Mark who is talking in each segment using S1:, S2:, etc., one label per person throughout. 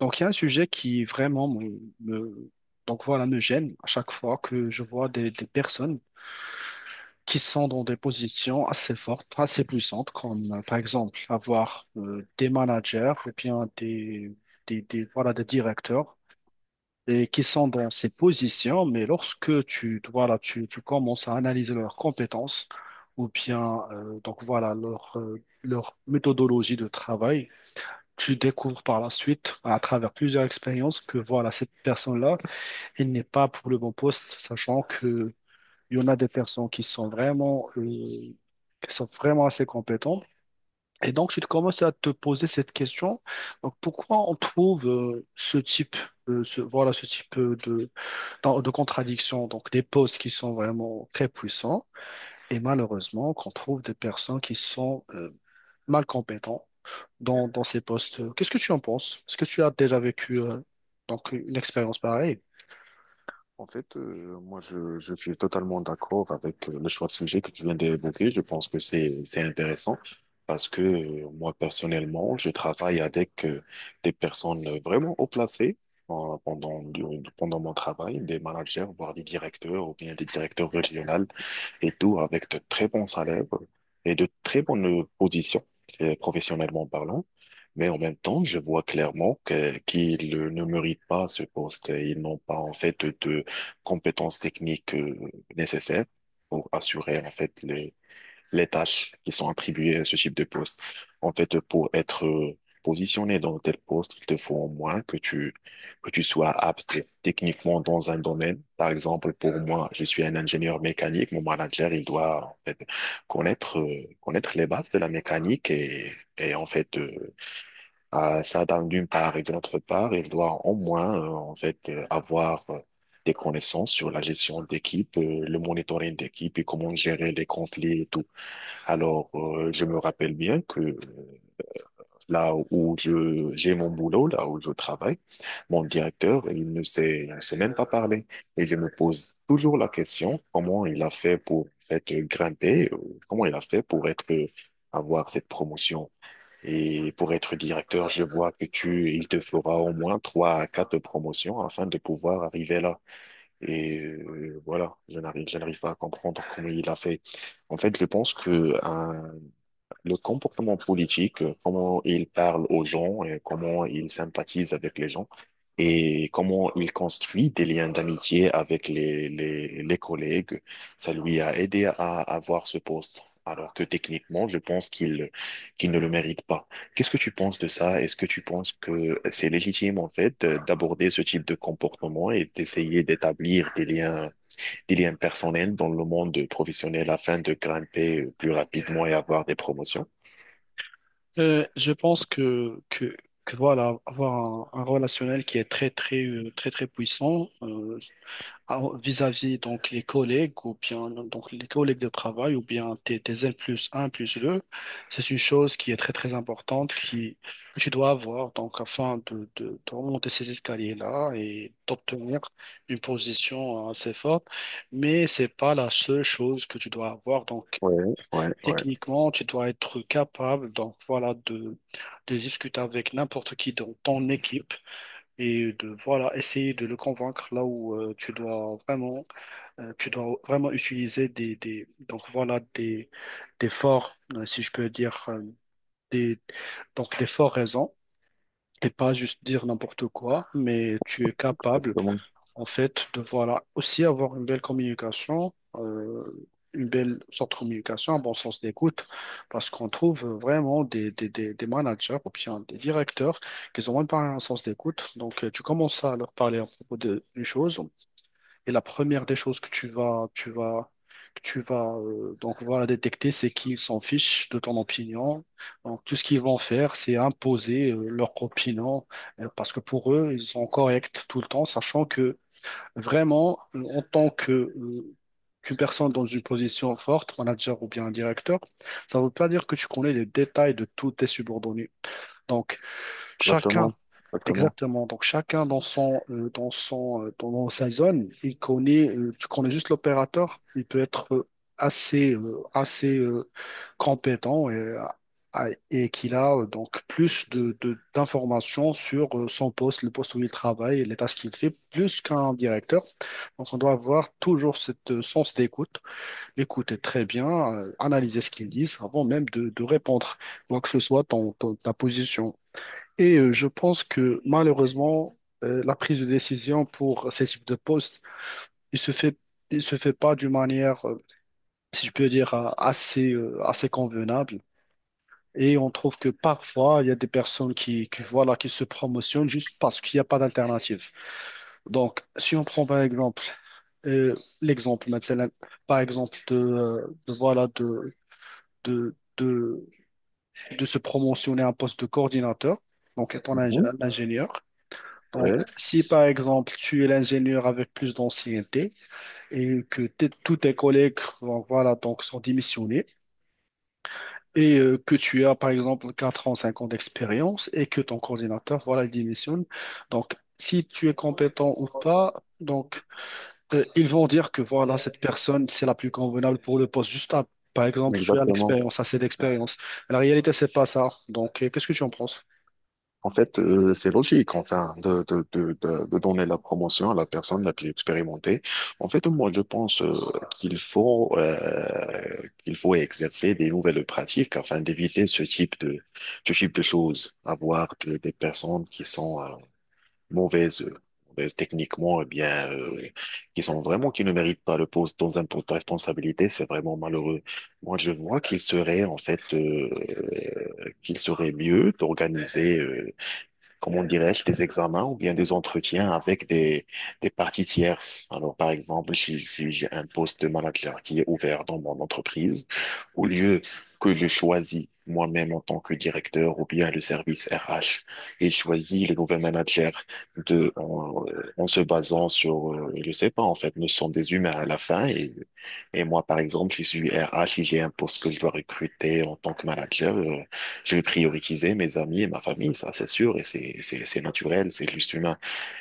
S1: Donc, il y a un sujet qui vraiment me gêne à chaque fois que je vois des personnes qui sont dans des positions assez fortes, assez puissantes, comme par exemple avoir des managers ou bien des directeurs et qui sont dans ces positions, mais lorsque tu commences à analyser leurs compétences ou bien leur méthodologie de travail, tu découvres par la suite, à travers plusieurs expériences, que voilà, cette personne-là, elle n'est pas pour le bon poste, sachant que il y en a des personnes qui sont vraiment, qui sont vraiment assez compétentes. Et donc, tu te commences à te poser cette question. Donc, pourquoi on trouve ce type, ce type de contradiction, donc des postes qui sont vraiment très puissants, et malheureusement qu'on trouve des personnes qui sont mal compétentes dans ces postes. Qu'est-ce que tu en penses? Est-ce que tu as déjà vécu donc une expérience pareille?
S2: En fait, moi, je suis totalement d'accord avec le choix de sujet que tu viens d'évoquer. Je pense que c'est intéressant parce que moi, personnellement, je travaille avec des personnes vraiment haut placées euh, pendant, pendant mon travail, des managers, voire des directeurs ou bien des directeurs régionaux et tout avec de très bons salaires et de très bonnes positions, professionnellement parlant. Mais en même temps, je vois clairement qu'ils ne méritent pas ce poste. Ils n'ont pas, en fait, de compétences techniques, nécessaires pour assurer, en fait, les tâches qui sont attribuées à ce type de poste. En fait, pour être positionné dans tel poste, il te faut au moins que tu sois apte techniquement dans un domaine. Par exemple, pour moi, je suis un ingénieur mécanique. Mon manager, il doit en fait, connaître, connaître les bases de la mécanique et en fait, à ça d'une part et de l'autre part, il doit au moins en fait, avoir des connaissances sur la gestion d'équipe, le monitoring d'équipe et comment gérer les conflits et tout. Alors, je me rappelle bien que là où je j'ai mon boulot, là où je travaille, mon directeur, il ne sait même pas parler. Et je me pose toujours la question, comment il a fait pour être grimper, comment il a fait pour être avoir cette promotion. Et pour être directeur, je vois il te fera au moins trois à quatre promotions afin de pouvoir arriver là. Et voilà, je n'arrive pas à comprendre comment il a fait. En fait, je pense que le comportement politique, comment il parle aux gens, et comment il sympathise avec les gens et comment il construit des liens d'amitié avec les collègues. Ça lui a aidé à avoir ce poste, alors que techniquement, je pense qu'il ne le mérite pas. Qu'est-ce que tu penses de ça? Est-ce que tu penses que c'est légitime, en fait, d'aborder ce type de comportement et d'essayer d'établir des liens personnels dans le monde professionnel afin de grimper plus rapidement et avoir des promotions?
S1: Je pense que voilà, avoir un relationnel qui est très très puissant, alors, vis-à-vis donc les collègues ou bien donc les collègues de travail ou bien tes N+1, N+2, c'est une chose qui est très très importante que tu dois avoir donc afin de remonter ces escaliers-là et d'obtenir une position assez forte. Mais c'est pas la seule chose que tu dois avoir. Donc
S2: Ouais, ouais, ouais.
S1: techniquement, tu dois être capable donc voilà de discuter avec n'importe qui dans ton équipe et de voilà essayer de le convaincre là où tu dois vraiment utiliser des donc voilà des forts, si je peux dire, des, donc des forts raisons. Et pas juste dire n'importe quoi, mais tu es capable,
S2: Exactement.
S1: en fait, de voilà aussi avoir une belle communication, une belle sorte de communication, un bon sens d'écoute, parce qu'on trouve vraiment des managers ou bien des directeurs qui ont même pas un sens d'écoute. Donc, tu commences à leur parler à propos d'une chose, et la première des choses que tu vas, que tu vas donc voilà détecter, c'est qu'ils s'en fichent de ton opinion. Donc tout ce qu'ils vont faire, c'est imposer leur opinion, parce que pour eux, ils sont corrects tout le temps, sachant que vraiment en tant que qu'une personne dans une position forte, manager ou bien un directeur, ça ne veut pas dire que tu connais les détails de tous tes subordonnés. Donc, chacun.
S2: Exactement. Exactement.
S1: Exactement. Donc chacun dans son dans son dans sa zone, il connaît tu connais juste l'opérateur, il peut être assez compétent et qu'il a donc plus d'informations sur son poste, le poste où il travaille, et les tâches qu'il fait, plus qu'un directeur. Donc on doit avoir toujours cette sens d'écoute, écouter très bien, analyser ce qu'ils disent avant même de répondre, quoi que ce soit ta position. Et je pense que malheureusement, la prise de décision pour ces types de postes, il se fait, il se fait pas d'une manière, si je peux dire, assez convenable. Et on trouve que parfois, il y a des personnes qui voilà, qui se promotionnent juste parce qu'il n'y a pas d'alternative. Donc, si on prend par exemple euh, l'exemple, maintenant, par exemple, de, voilà, de, de, de se promotionner à un poste de coordinateur, donc étant un
S2: Mhm.
S1: un ingénieur. Donc,
S2: Ouais,
S1: si par exemple tu es l'ingénieur avec plus d'ancienneté et que tous tes collègues donc, voilà, donc, sont démissionnés et que tu as par exemple 4 ans, 5 ans d'expérience et que ton coordinateur voilà, il démissionne, donc si tu es compétent ou pas, donc ils vont dire que voilà, cette personne c'est la plus convenable pour le poste. Par exemple, tu as
S2: exactement.
S1: l'expérience, assez d'expérience. La réalité, c'est pas ça. Donc, qu'est-ce que tu en penses?
S2: En fait, c'est logique, enfin, de donner la promotion à la personne la plus expérimentée. En fait, moi, je pense qu'il faut euh, qu'il faut exercer des nouvelles pratiques afin d'éviter ce type de choses, avoir des personnes qui sont mauvaises, mauvaises techniquement, eh bien, qui sont vraiment qui ne méritent pas le poste dans un poste de responsabilité, c'est vraiment malheureux. Moi, je vois qu'il serait en fait qu'il serait mieux d'organiser. Comment dirais-je, des examens ou bien des entretiens avec des parties tierces. Alors, par exemple, si j'ai un poste de manager qui est ouvert dans mon entreprise, au lieu que je choisis moi-même en tant que directeur ou bien le service RH, et je choisis le nouvel manager de, en, en se basant sur, je sais pas, en fait, nous sommes des humains à la fin et moi, par exemple, si je suis RH et j'ai un poste que je dois recruter en tant que manager. Je vais prioriser mes amis et ma famille, ça c'est sûr, et c'est naturel, c'est juste humain.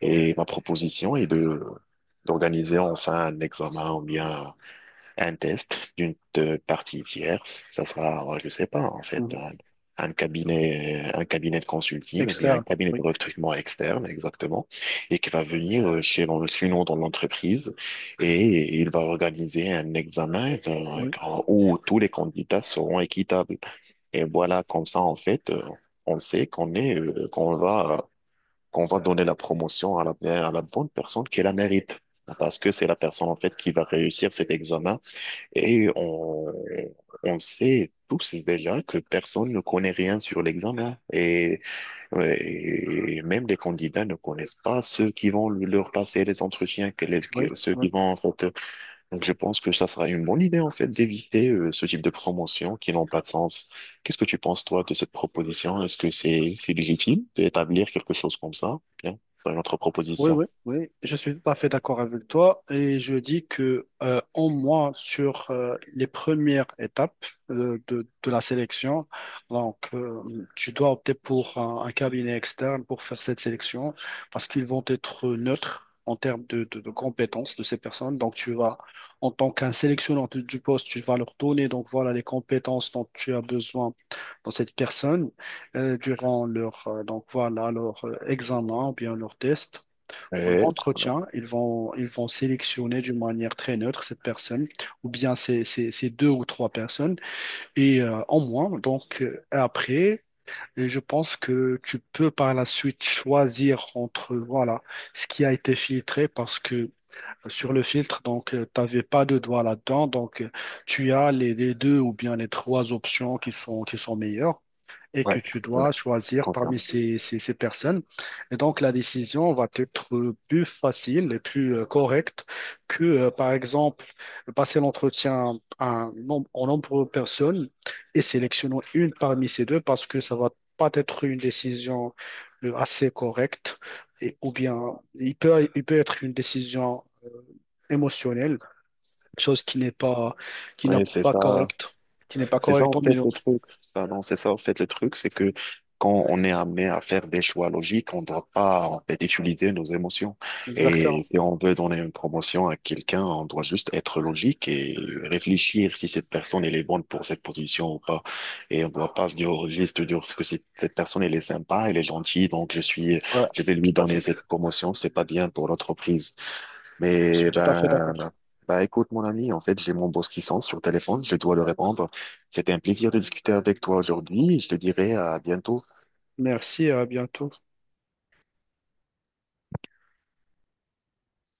S2: Et ma proposition est de d'organiser enfin un examen ou bien un test d'une partie tierce. Ça sera, je sais pas, en fait,
S1: Mhm.
S2: un cabinet de consulting ou bien un
S1: Externe.
S2: cabinet de
S1: Oui,
S2: recrutement externe, exactement, et qui va venir chez nous dans l'entreprise et il va organiser un examen
S1: oui,
S2: où tous les candidats seront équitables. Et voilà, comme ça, en fait, on sait qu'on va donner la promotion à à la bonne personne qui la mérite. Parce que c'est la personne, en fait, qui va réussir cet examen. Et on sait tous déjà que personne ne connaît rien sur l'examen. Et même les candidats ne connaissent pas ceux qui vont leur passer les entretiens,
S1: oui,
S2: ceux
S1: oui.
S2: qui vont, en fait, donc je pense que ça sera une bonne idée en fait d'éviter ce type de promotion qui n'ont pas de sens. Qu'est-ce que tu penses toi de cette proposition? Est-ce que c'est légitime d'établir quelque chose comme ça? Bien, c'est une autre
S1: Oui,
S2: proposition.
S1: oui, oui, je suis tout à fait d'accord avec toi et je dis que au moins sur les premières étapes de la sélection, donc euh, tu dois opter pour un cabinet externe pour faire cette sélection parce qu'ils vont être neutres en termes de compétences de ces personnes. Donc tu vas, en tant qu'un sélectionneur du poste, tu vas leur donner donc voilà les compétences dont tu as besoin dans cette personne durant leur donc voilà leur examen ou bien leur test pour leur
S2: Ouais, ouais,
S1: entretien, ils vont sélectionner d'une manière très neutre cette personne, ou bien ces deux ou trois personnes, et en moins. Donc, et je pense que tu peux par la suite choisir entre, voilà, ce qui a été filtré, parce que sur le filtre, donc, tu n'avais pas de doigt là-dedans, donc, tu as les deux ou bien les trois options qui sont meilleures et
S2: ouais,
S1: que tu
S2: ouais,
S1: dois choisir
S2: confirme.
S1: parmi ces personnes. Et donc, la décision va être plus facile et plus correcte que, par exemple, passer l'entretien à un nombre, en nombre de personnes et sélectionner une parmi ces deux parce que ça va pas être une décision assez correcte et, ou bien il peut être une décision émotionnelle, chose qui n'a
S2: Ouais, c'est
S1: pas
S2: ça.
S1: correcte, qui n'est pas
S2: C'est ça
S1: correcte
S2: en
S1: dans le
S2: fait
S1: milieu.
S2: le truc. Ça, non, c'est ça en fait le truc, c'est que quand on est amené à faire des choix logiques, on ne doit pas en fait utiliser nos émotions. Et
S1: Exactement.
S2: si on veut donner une promotion à quelqu'un, on doit juste être logique et réfléchir si cette personne elle est bonne pour cette position ou pas. Et on ne doit pas venir au registre de dire que cette personne elle est sympa, elle est gentille, je vais lui donner cette promotion. C'est pas bien pour l'entreprise.
S1: Je suis
S2: Mais
S1: tout à fait d'accord.
S2: ben, bah écoute mon ami, en fait j'ai mon boss qui sonne sur le téléphone, je dois le répondre. C'était un plaisir de discuter avec toi aujourd'hui. Je te dirai à bientôt.
S1: Merci et à bientôt.